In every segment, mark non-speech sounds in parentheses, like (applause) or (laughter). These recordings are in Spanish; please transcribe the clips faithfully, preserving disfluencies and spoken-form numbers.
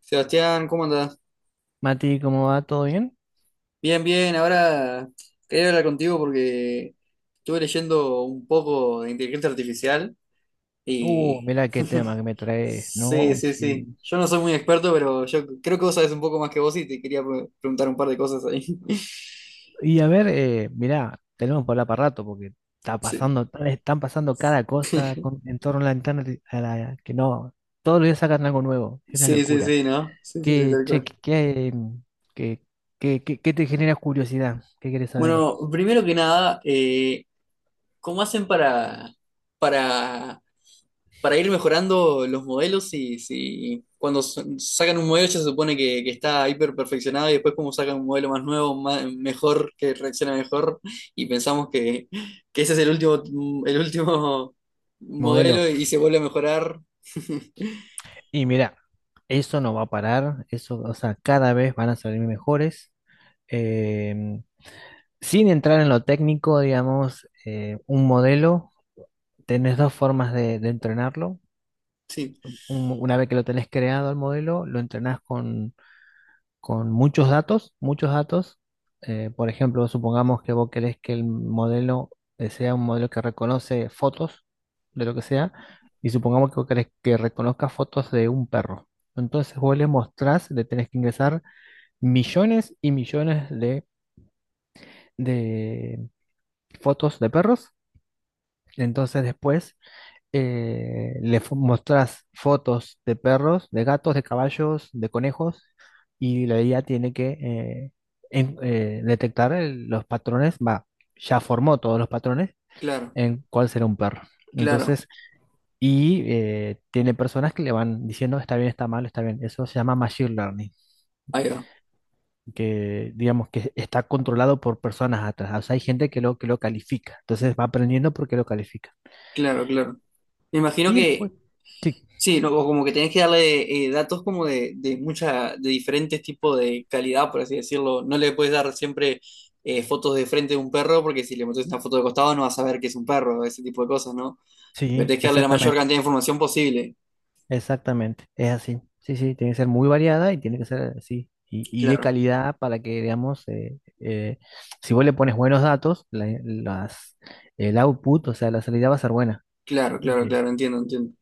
Sebastián, ¿cómo andás? Mati, ¿cómo va? ¿Todo bien? Bien, bien, ahora quería hablar contigo porque estuve leyendo un poco de inteligencia artificial Uh, y... mira qué tema (laughs) que me traes, Sí, ¿no? sí, sí. Sí. Yo no soy muy experto, pero yo creo que vos sabés un poco más que vos y te quería pre- preguntar un par de cosas ahí. (laughs) Y a ver, eh, mira, tenemos por hablar para rato porque está Sí, pasando, están pasando cada cosa con- (laughs) en torno a la internet, a la, que no, todos los días sacan algo nuevo, es una sí, sí, locura. sí, ¿no? Sí, sí, sí, ¿Qué, tal che, cual. qué, qué, qué- qué- qué- qué te genera curiosidad? ¿Qué quieres saber? Bueno, primero que nada, eh, ¿cómo hacen para, para para ir mejorando los modelos? ¿Y si cuando s- sacan un modelo ya se supone que, que está hiper perfeccionado y después como sacan un modelo más nuevo, más- mejor, que reacciona mejor y pensamos que, que ese es el último, el último Modelo. modelo y se vuelve a mejorar? (laughs) Y mira, eso no va a parar, eso, o sea, cada vez van a salir mejores. Sin entrar en lo técnico, digamos, eh, un modelo, tenés dos formas de, de entrenarlo. Sí, Un- una vez que lo tenés creado el modelo, lo entrenás con, con muchos datos, muchos datos. Eh, por ejemplo, supongamos que vos querés que el modelo eh, sea un modelo que reconoce fotos de lo que sea, y supongamos que vos querés que reconozca fotos de un perro. Entonces vos le mostrás, le tenés que ingresar millones y millones de de fotos de perros. Entonces después eh, le fo- mostrás fotos de perros, de gatos, de caballos, de conejos, y la I A tiene que eh, en- eh, detectar el- los patrones, va, ya formó todos los patrones claro, en cuál será un perro. claro, Entonces, y eh, tiene personas que le van diciendo está bien, está mal, está bien. Eso se llama machine learning, ahí va, que digamos que está controlado por personas atrás. O sea, hay gente que lo, que lo califica. Entonces va aprendiendo porque lo califica. claro, claro. Me imagino Y que después, sí, sí. No, o como que tenés que darle eh, datos como de, de mucha, de diferentes tipos de calidad, por así decirlo. No le puedes dar siempre eh, fotos de frente de un perro, porque si le metes una foto de costado no vas a ver que es un perro, ese tipo de cosas, ¿no? Porque sí, tenés que darle la mayor exactamente. cantidad de información posible. Exactamente, es así. Sí, sí, tiene que ser muy variada y tiene que ser así. Y, y de Claro, calidad para que, digamos, eh, eh, si vos le pones buenos datos, la- las, el output, o sea, la salida va a ser buena. claro, Ok. claro, claro, entiendo, entiendo.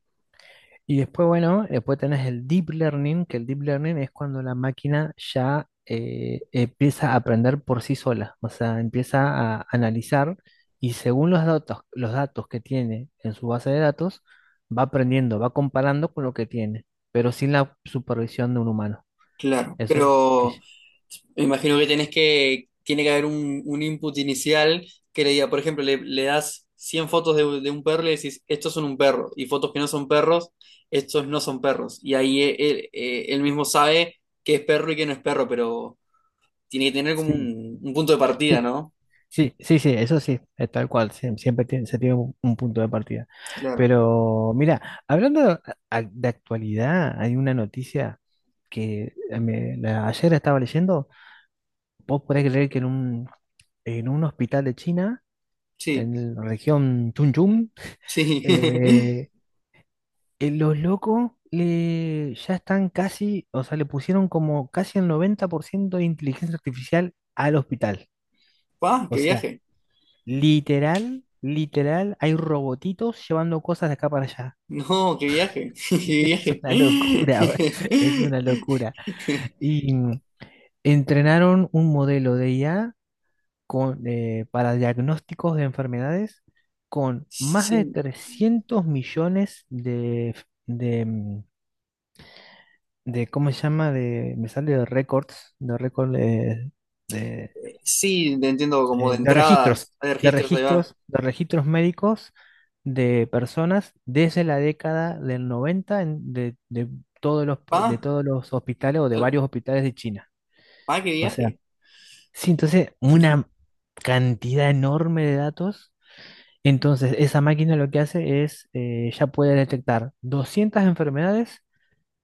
Y después, bueno, después tenés el deep learning, que el deep learning es cuando la máquina ya eh, empieza a aprender por sí sola, o sea, empieza a analizar y según los datos, los datos que tiene en su base de datos, va aprendiendo, va comparando con lo que tiene, pero sin la supervisión de un humano. Claro, Eso es. pero que- me imagino que tenés que, tiene que haber un, un input inicial que le diga, por ejemplo, le, le das cien fotos de, de un perro y le decís, estos son un perro, y fotos que no son perros, estos no son perros. Y ahí e- él, eh, él mismo sabe qué es perro y qué no es perro, pero tiene que tener como Sí, un, un punto de partida, sí. ¿no? Sí, sí, sí, eso sí, es tal cual, sie- siempre tiene- se tiene un, un punto de partida. Claro, Pero mira, hablando de, a- de actualidad, hay una noticia que eh, me- la- ayer estaba leyendo. Vos podés creer que en un, en un hospital de China, sí, en la región Chunchun, sí. (laughs) eh, eh, los locos le, ya están casi, o sea, le pusieron como casi el noventa por ciento de inteligencia artificial al hospital. ¡Pah, O qué sea, viaje! literal, literal, hay robotitos llevando cosas de acá para allá. No, qué viaje, (laughs) qué (laughs) Es viaje. una locura, bro. Es una locura. (laughs) Y mm, entrenaron un modelo de I A con, eh, para diagnósticos de enfermedades con más de Sí. trescientos millones de, f- de, mm, de ¿cómo se llama? De, me sale de récords, de récords Eh, sí, te entiendo como de eh, de registros, entradas, hay de registros, ahí va. registros, de registros médicos de personas desde la década del noventa en- de, de todos los, pa- de ¿Pa? todos los hospitales o de tal- varios hospitales de China. ¿Pa qué O sea, viaje? sí, entonces una cantidad enorme de datos. Entonces, esa máquina lo que hace es, eh, ya puede detectar doscientas enfermedades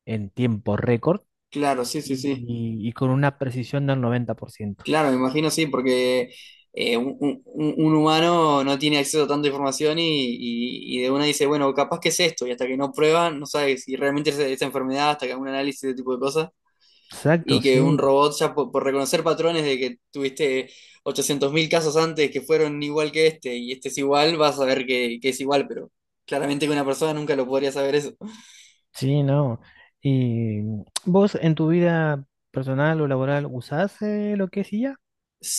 en tiempo récord Claro, sí, sí, y, sí. y- y con una precisión del noventa por ciento. Claro, me imagino sí, porque eh, un, un- un humano no tiene acceso a tanta información y, y- y de una dice, bueno, capaz que es esto, y hasta que no prueban, no sabes si realmente es esa enfermedad, hasta que hagan un análisis de ese tipo de cosas, y Exacto, que un sí. robot ya por, por reconocer patrones de que tuviste ochocientos mil casos antes que fueron igual que este, y este es igual, vas a ver que, que es igual, pero claramente que una persona nunca lo podría saber eso. Sí, no. ¿Y vos en tu vida personal o laboral usás eh, lo que es I A?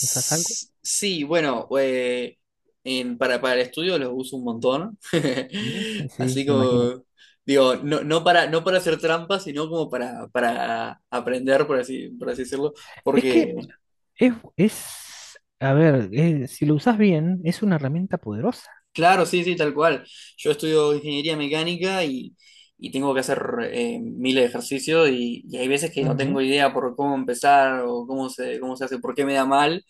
¿Usás algo? Sí, bueno, eh, en- para, para el estudio los uso un montón. Sí, (laughs) sí, Así me imagino. como, digo, no, no para, no para hacer trampas, sino como para, para aprender, por así, por así decirlo. Es que Porque, es, es a ver, eh, si lo usás bien, es una herramienta poderosa. claro, sí, sí, tal cual. Yo estudio ingeniería mecánica y, y tengo que hacer eh, miles de ejercicios y, y hay veces que no tengo Ujú, idea por cómo empezar o cómo se, cómo se hace, por qué me da mal.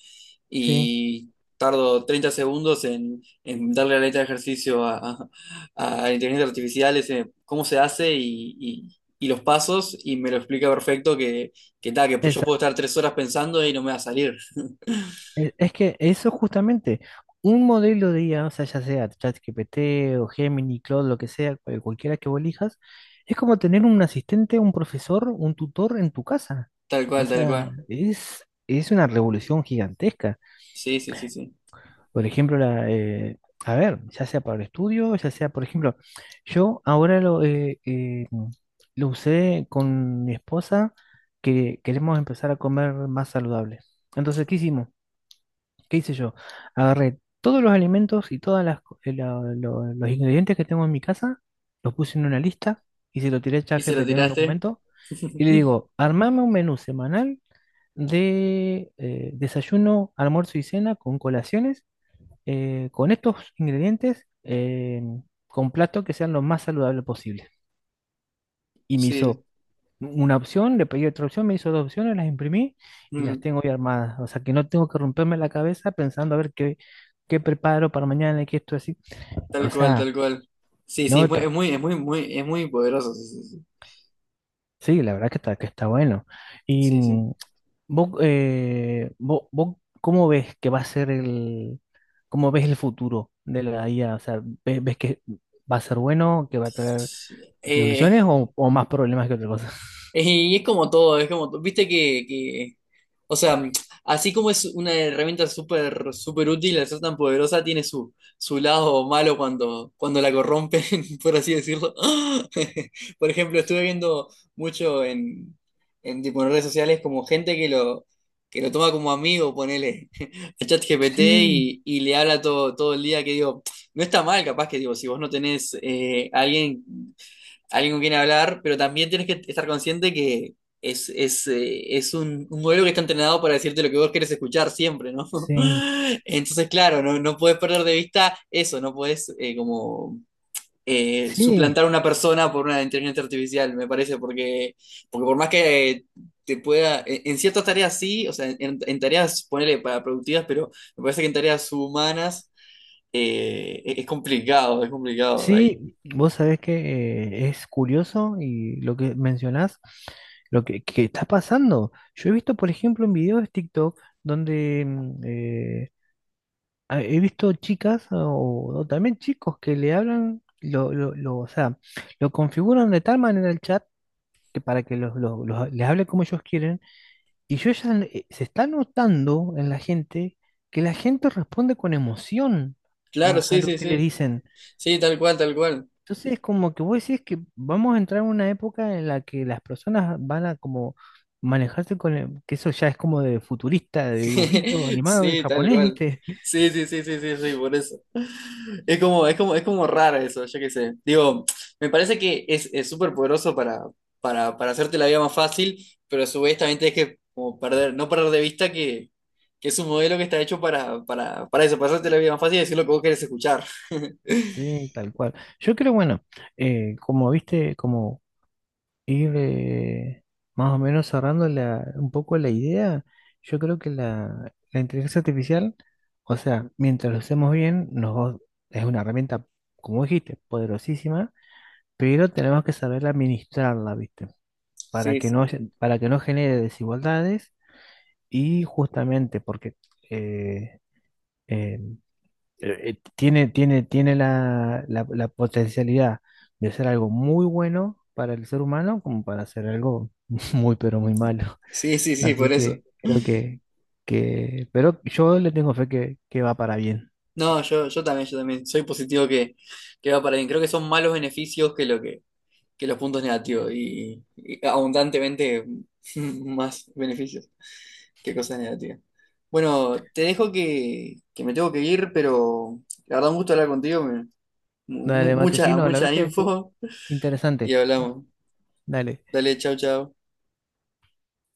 sí, Y tardo treinta segundos en, en darle la letra de ejercicio a, a, a inteligencia artificial, ese, cómo se hace y, y- y los pasos, y me lo explica perfecto que, que tal, que pues yo puedo exacto. estar tres horas pensando y no me va a salir. Es es que eso justamente, un modelo de I A, o sea, ya sea ChatGPT o Gemini, Claude, lo que sea, cual- cualquiera que vos elijas, es como tener un asistente, un profesor, un tutor en tu casa. Tal O cual, tal sea, cual. es, es una revolución gigantesca. Sí, sí, sí, sí. Por ejemplo, la, eh, a ver, ya sea para el estudio, ya sea, por ejemplo, yo ahora lo, eh, eh, lo usé con mi esposa que queremos empezar a comer más saludable. Entonces, ¿qué hicimos? ¿Qué hice yo? Agarré todos los alimentos y todos los ingredientes que tengo en mi casa, los puse en una lista y se lo tiré a ¿Y si lo ChatGPT en un tiraste? documento y le (laughs) digo, armame un menú semanal de eh, desayuno, almuerzo y cena con colaciones, eh, con estos ingredientes, eh, con platos que sean lo más saludables posible. Y me Sí, hizo una opción, le pedí otra opción, me hizo dos opciones, las imprimí y las mm, tengo ya armadas. O sea que no tengo que romperme la cabeza pensando a ver qué, qué preparo para mañana y qué esto así. tal O cual, sea, tal cual. Sí, sí, es muy, nota. es muy, es muy, muy- es muy poderoso. Sí, Sí, la verdad que está, que está bueno. Y sí, sí. mm, vos, eh, vos, vos ¿cómo ves que va a ser el, cómo ves el futuro de la I A? O sea, ¿ves, ves que va a ser bueno, que va a Sí, traer sí. Eh, soluciones o, o más problemas que otra cosa? y es como todo, es como todo. Viste que, que, o sea, así como es una herramienta súper, súper útil, al ser tan poderosa, tiene su, su lado malo cuando, cuando la corrompen, (laughs) por así decirlo. (laughs) Por ejemplo, estuve viendo mucho en, en, tipo, en redes sociales como gente que lo, que lo toma como amigo, ponele, (laughs) a ChatGPT Sí, y, y le habla todo, todo el día, que digo, no está mal, capaz que digo, si vos no tenés eh, alguien alguien con quien hablar, pero también tienes que estar consciente que es, es, eh, es un, un modelo que está entrenado para decirte lo que vos querés escuchar siempre, ¿no? sí, (laughs) Entonces, claro, no, no puedes perder de vista eso, no puedes eh, como eh, sí, suplantar a una persona por una inteligencia artificial, me parece, porque, porque por más que te pueda, en en ciertas tareas sí, o sea, en, en tareas, ponele para productivas, pero me parece que en tareas humanas eh, es es complicado, es complicado ahí. sí, vos sabés que eh, es curioso y lo que mencionás, lo que, que está pasando. Yo he visto, por ejemplo, en videos de TikTok donde mm, eh, ah, he visto chicas o, o también chicos que le hablan, lo, lo, lo- o sea, lo configuran de tal manera el chat que para que los, los- los- les hable como ellos quieren. Y yo ya eh, se está notando en la gente que la gente responde con emoción a Claro, a sí, lo sí, que le sí. dicen. Sí, tal cual, tal cual. Entonces es como que vos decís que vamos a entrar en una época en la que las personas van a como manejarse con el- que eso ya es como de futurista, de dibujito (laughs) animado y Sí, tal japonés, cual. ¿viste? (laughs) Sí, sí, sí, sí, sí, sí, por eso. Es como, es como, es como raro eso, yo qué sé. Digo, me parece que es, es súper poderoso para, para, para hacerte la vida más fácil, pero a su vez también tienes que como perder, no perder de vista que, que es un modelo que está hecho para, para, para eso, para hacerte la vida más fácil y decir lo que vos querés escuchar. (laughs) Sí, tal cual. Yo creo, bueno, eh, como viste, como ir eh, más o menos cerrando la, un poco la idea, yo creo que la, la inteligencia artificial, o sea, mientras lo hacemos bien, nos, va- es una herramienta, como dijiste, poderosísima, pero tenemos que saber administrarla, ¿viste? para Sí, que no, sí. para que no genere desigualdades y justamente porque eh, eh, eh, tiene, tiene, tiene la, la- la potencialidad de ser algo muy bueno para el ser humano como para ser algo (laughs) muy, pero muy malo. Sí, sí, sí, Así por eso. que creo que, que pero yo le tengo fe que, que va para bien. No, yo, yo también, yo también. Soy positivo que, que va para bien. Creo que son malos beneficios que lo que que los puntos negativos y, y abundantemente (laughs) más beneficios que cosas negativas. Bueno, te dejo que, que me tengo que ir, pero la verdad un gusto hablar contigo, me- mu- mu- Dale, mucha, Matecino, la verdad mucha que estuvo info y interesante. hablamos. Dale. Dale, chau, chau.